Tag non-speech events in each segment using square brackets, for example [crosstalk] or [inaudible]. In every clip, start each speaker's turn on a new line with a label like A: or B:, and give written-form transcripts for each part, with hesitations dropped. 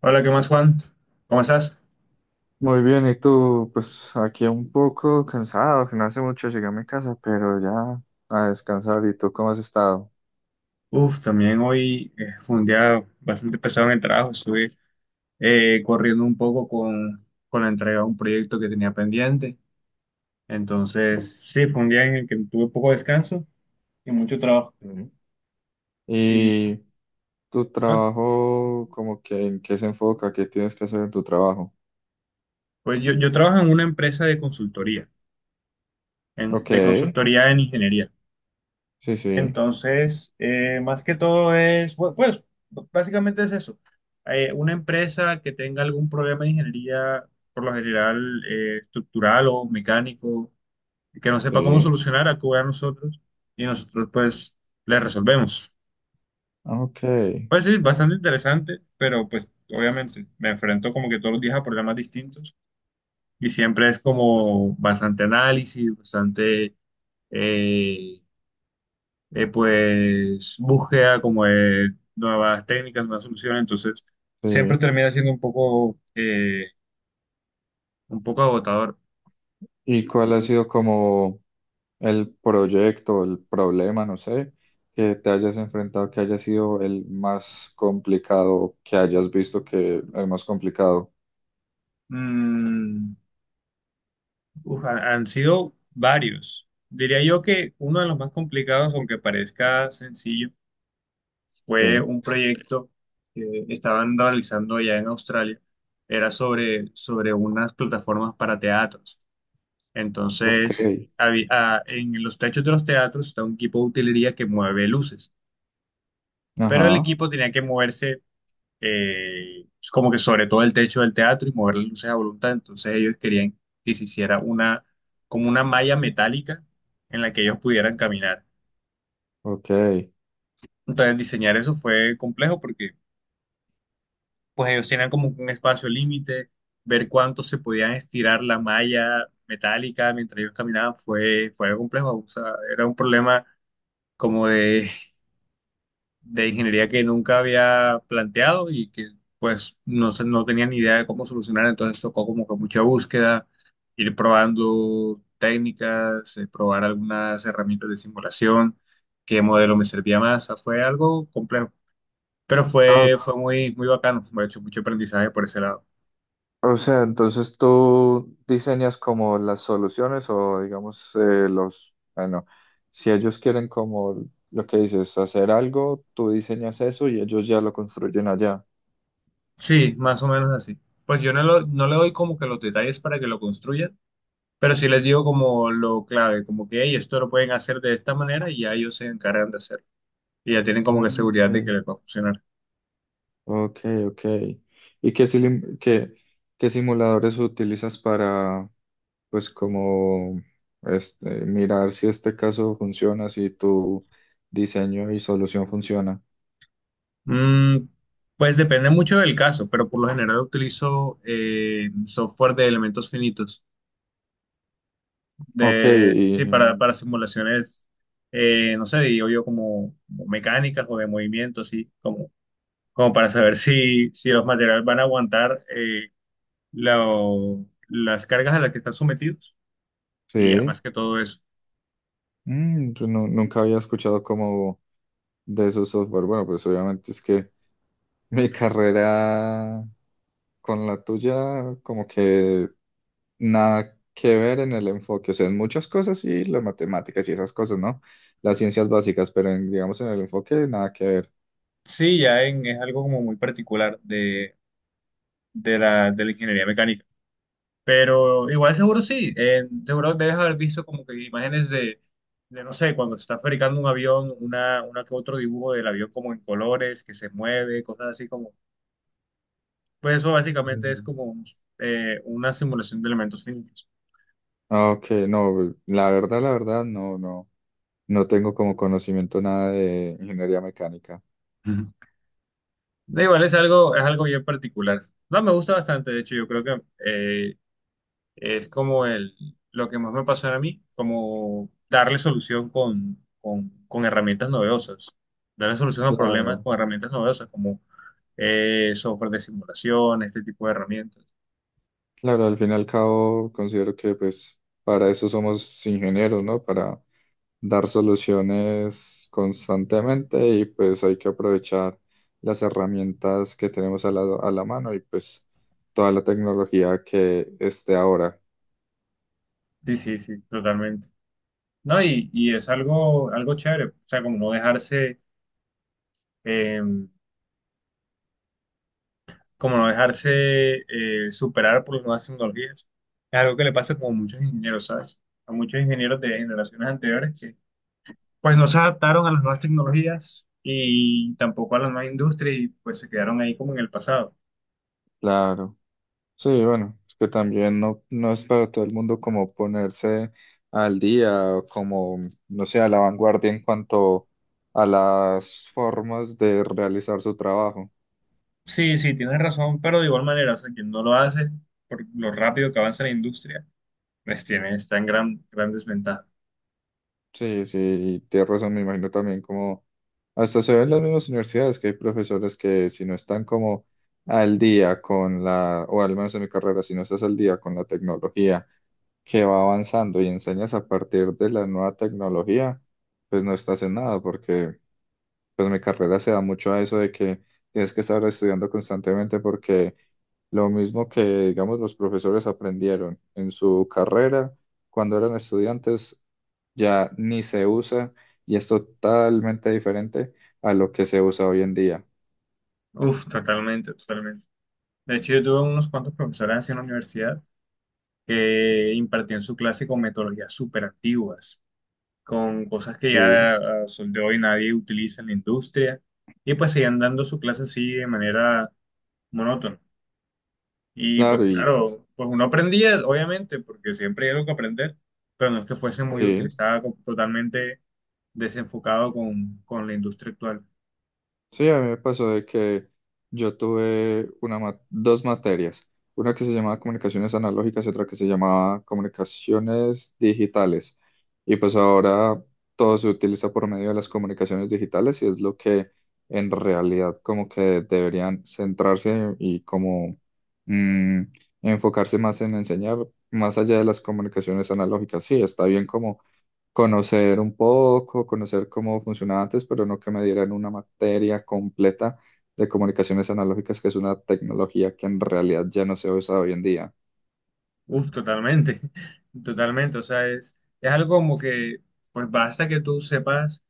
A: Hola, ¿qué más, Juan? ¿Cómo estás?
B: Muy bien, ¿y tú? Pues aquí un poco cansado, que no hace mucho llegué a mi casa, pero ya a descansar. ¿Y tú cómo has estado?
A: Uf, también hoy fue un día bastante pesado en el trabajo. Estuve corriendo un poco con la entrega de un proyecto que tenía pendiente. Entonces, sí, fue un día en el que tuve poco descanso y mucho trabajo.
B: Ujú.
A: Y
B: ¿Y tu
A: no,
B: trabajo, como que en qué se enfoca? ¿Qué tienes que hacer en tu trabajo?
A: pues yo trabajo en una empresa de consultoría,
B: Ok,
A: de consultoría en ingeniería.
B: sí, sí,
A: Entonces, más que todo es, pues, básicamente es eso. Una empresa que tenga algún problema de ingeniería, por lo general, estructural o mecánico, que no sepa cómo
B: sí,
A: solucionar, acude a nosotros y nosotros, pues, le resolvemos.
B: ok,
A: Pues sí, bastante interesante, pero pues, obviamente, me enfrento como que todos los días a problemas distintos y siempre es como bastante análisis, eh, pues búsqueda como de nuevas técnicas, nuevas soluciones, entonces siempre
B: sí.
A: termina siendo un poco agotador.
B: ¿Y cuál ha sido como el proyecto, el problema, no sé, que te hayas enfrentado, que haya sido el más complicado, que hayas visto que es más complicado?
A: Mm, uf, han sido varios. Diría yo que uno de los más complicados, aunque parezca sencillo,
B: Sí.
A: fue un proyecto que estaban realizando allá en Australia. Era sobre unas plataformas para teatros.
B: Ok,
A: Entonces, ah, en los techos de los teatros está un equipo de utilería que mueve luces. Pero el
B: ajá,
A: equipo tenía que moverse pues, como que sobre todo el techo del teatro y mover las luces a voluntad. Entonces ellos querían que se hiciera como una malla metálica en la que ellos pudieran caminar.
B: ok.
A: Entonces diseñar eso fue complejo porque pues ellos tenían como un espacio límite, ver cuánto se podían estirar la malla metálica mientras ellos caminaban fue complejo. O sea, era un problema como de ingeniería que nunca había planteado y que pues no, no tenía ni idea de cómo solucionar, entonces tocó como que mucha búsqueda, ir probando técnicas, probar algunas herramientas de simulación, qué modelo me servía más, o sea, fue algo complejo, pero
B: Ah,
A: fue muy, muy bacano, me he hecho mucho aprendizaje por ese lado.
B: o sea, entonces tú diseñas como las soluciones o digamos los, bueno, si ellos quieren como lo que dices, hacer algo, tú diseñas eso y ellos ya lo construyen allá.
A: Sí, más o menos así. Pues yo no, no le doy como que los detalles para que lo construyan, pero sí les digo como lo clave, como que "Hey, esto lo pueden hacer de esta manera" y ya ellos se encargan de hacerlo y ya tienen como
B: Ah,
A: que
B: ok,
A: seguridad de que les va a funcionar.
B: ok, ok. ¿Y qué, silim- qué, qué simuladores utilizas para, pues, como, este, mirar si este caso funciona, si tu diseño y solución funciona?
A: Mm, pues depende mucho del caso, pero por lo general utilizo software de elementos finitos,
B: Ok,
A: de, sí,
B: y-
A: para simulaciones, no sé, digo yo como, como mecánicas o de movimiento, así, como, como para saber si los materiales van a aguantar las cargas a las que están sometidos y ya más
B: sí.
A: que todo eso.
B: Mm, yo nu- nunca había escuchado como de esos software. Bueno, pues obviamente es que [laughs] mi carrera con la tuya, como que nada que ver en el enfoque. O sea, en muchas cosas sí, las matemáticas y esas cosas, ¿no? Las ciencias básicas, pero en, digamos en el enfoque nada que ver.
A: Sí, es algo como muy particular de de la ingeniería mecánica. Pero igual seguro sí, seguro debes haber visto como que imágenes de no sé, cuando se está fabricando un avión, una que otro dibujo del avión como en colores, que se mueve, cosas así como, pues eso básicamente es
B: Mm.
A: como una simulación de elementos físicos.
B: Ok, no, la verdad, no, no, no tengo como conocimiento nada de ingeniería mecánica.
A: Ujú. Da igual, es algo bien particular. No, me gusta bastante, de hecho, yo creo que es como el, lo que más me pasó a mí, como darle solución con herramientas novedosas, darle solución a problemas
B: Claro.
A: con herramientas novedosas, como software de simulación, este tipo de herramientas.
B: Claro, al fin y al cabo considero que pues para eso somos ingenieros, ¿no? Para dar soluciones constantemente y pues hay que aprovechar las herramientas que tenemos a la mano y pues toda la tecnología que esté ahora.
A: Sí, sí, sí, totalmente. No, y es algo, algo chévere, o sea, eh, como no dejarse superar por las nuevas tecnologías. Es algo que le pasa como a muchos ingenieros, ¿sabes? A muchos ingenieros de generaciones anteriores que pues no se adaptaron a las nuevas tecnologías y tampoco a la nueva industria y pues se quedaron ahí como en el pasado.
B: Claro. Sí, bueno, es que también no, no es para todo el mundo como ponerse al día, como, no sé, a la vanguardia en cuanto a las formas de realizar su trabajo.
A: Sí, sí, tienes razón, pero de igual manera, o sea, quien no lo hace por lo rápido que avanza la industria pues tiene, está en gran desventaja.
B: Sí, sí, tienes razón, me imagino también como hasta se ve en las mismas universidades que hay profesores que si no están como al día con la, o al menos en mi carrera, si no estás al día con la tecnología que va avanzando y enseñas a partir de la nueva tecnología, pues no estás en nada, porque pues mi carrera se da mucho a eso de que tienes que estar estudiando constantemente porque lo mismo que, digamos, los profesores aprendieron en su carrera cuando eran estudiantes, ya ni se usa y es totalmente diferente a lo que se usa hoy en día.
A: Uf, totalmente, totalmente. De hecho, yo tuve unos cuantos profesores así en la universidad que impartían su clase con metodologías súper antiguas, con cosas que
B: Sí,
A: ya a sol de hoy nadie utiliza en la industria, y pues seguían dando su clase así de manera monótona. Y pues
B: claro, y
A: claro, pues uno aprendía, obviamente, porque siempre hay algo que aprender, pero no es que fuese muy útil
B: sí.
A: utilizada totalmente desenfocado con la industria actual.
B: Sí, a mí me pasó de que yo tuve una ma- dos materias, una que se llamaba comunicaciones analógicas y otra que se llamaba comunicaciones digitales. Y pues ahora todo se utiliza por medio de las comunicaciones digitales y es lo que en realidad como que deberían centrarse y como mm, enfocarse más en enseñar más allá de las comunicaciones analógicas. Sí, está bien como conocer un poco, conocer cómo funcionaba antes, pero no que me dieran una materia completa de comunicaciones analógicas, que es una tecnología que en realidad ya no se usa hoy en día.
A: Uf, totalmente, [laughs] totalmente. O sea, es algo como que, pues basta que tú sepas,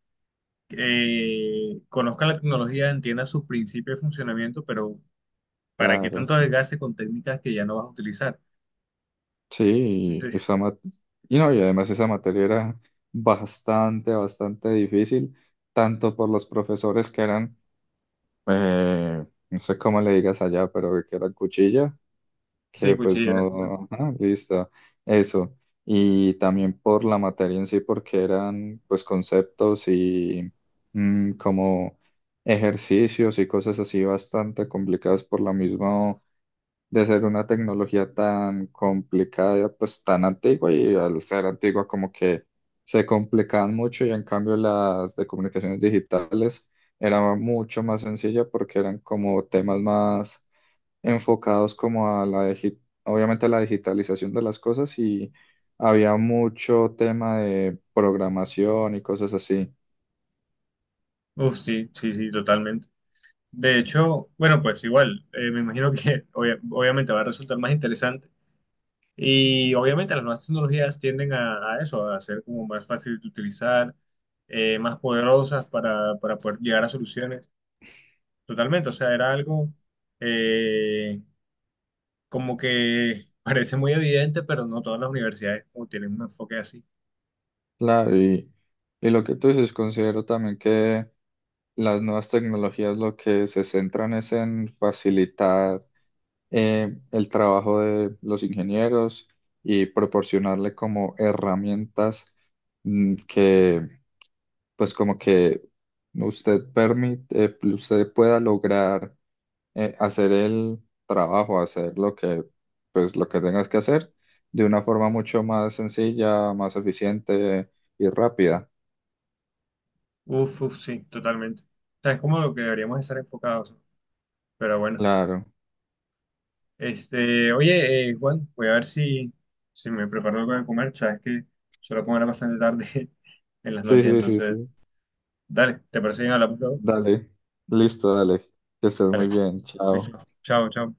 A: conozcas la tecnología, entiendas sus principios de funcionamiento, pero ¿para qué
B: Claro,
A: tanto desgaste con técnicas que ya no vas a utilizar?
B: sí, y
A: [laughs] Sí,
B: esa ma- y no, y además esa materia era bastante, bastante difícil, tanto por los profesores que eran, eh, no sé cómo le digas allá, pero que eran cuchilla, que
A: sí,
B: pues
A: cuchillas.
B: no, ajá, listo, eso. Y también por la materia en sí, porque eran pues conceptos y mm, como ejercicios y cosas así bastante complicadas por lo mismo de ser una tecnología tan complicada, pues tan antigua y al ser antigua como que se complicaban mucho y en cambio las de comunicaciones digitales era mucho más sencilla porque eran como temas más enfocados como a la, digi- obviamente a la digitalización de las cosas y había mucho tema de programación y cosas así.
A: Uf, sí, sí, sí, totalmente. De hecho, bueno, pues igual, me imagino que [laughs] obviamente va a resultar más interesante. Y obviamente las nuevas tecnologías tienden a eso, a ser como más fácil de utilizar, más poderosas para poder llegar a soluciones. Totalmente, o sea, era algo eh, como que [laughs] parece muy evidente, pero no todas las universidades como tienen un enfoque así.
B: Claro, y lo que tú dices, considero también que las nuevas tecnologías lo que se centran es en facilitar el trabajo de los ingenieros y proporcionarle como herramientas mm, que pues como que usted permite, usted pueda lograr hacer el trabajo, hacer lo que, pues, lo que tengas que hacer de una forma mucho más sencilla, más eficiente y rápida.
A: Uf, uf, sí, totalmente. O sea, es como lo que deberíamos estar enfocados. Pero bueno,
B: Claro.
A: este, oye, Juan, voy a ver si me preparo algo de comer, sabes que suelo comer bastante tarde [laughs] en las
B: Sí,
A: noches,
B: sí, sí,
A: entonces...
B: sí.
A: Dale, ¿te parece bien? Hablamos luego.
B: Dale. Listo, dale. Que estés
A: Dale,
B: muy bien.
A: listo.
B: Chao.
A: Chao, chao.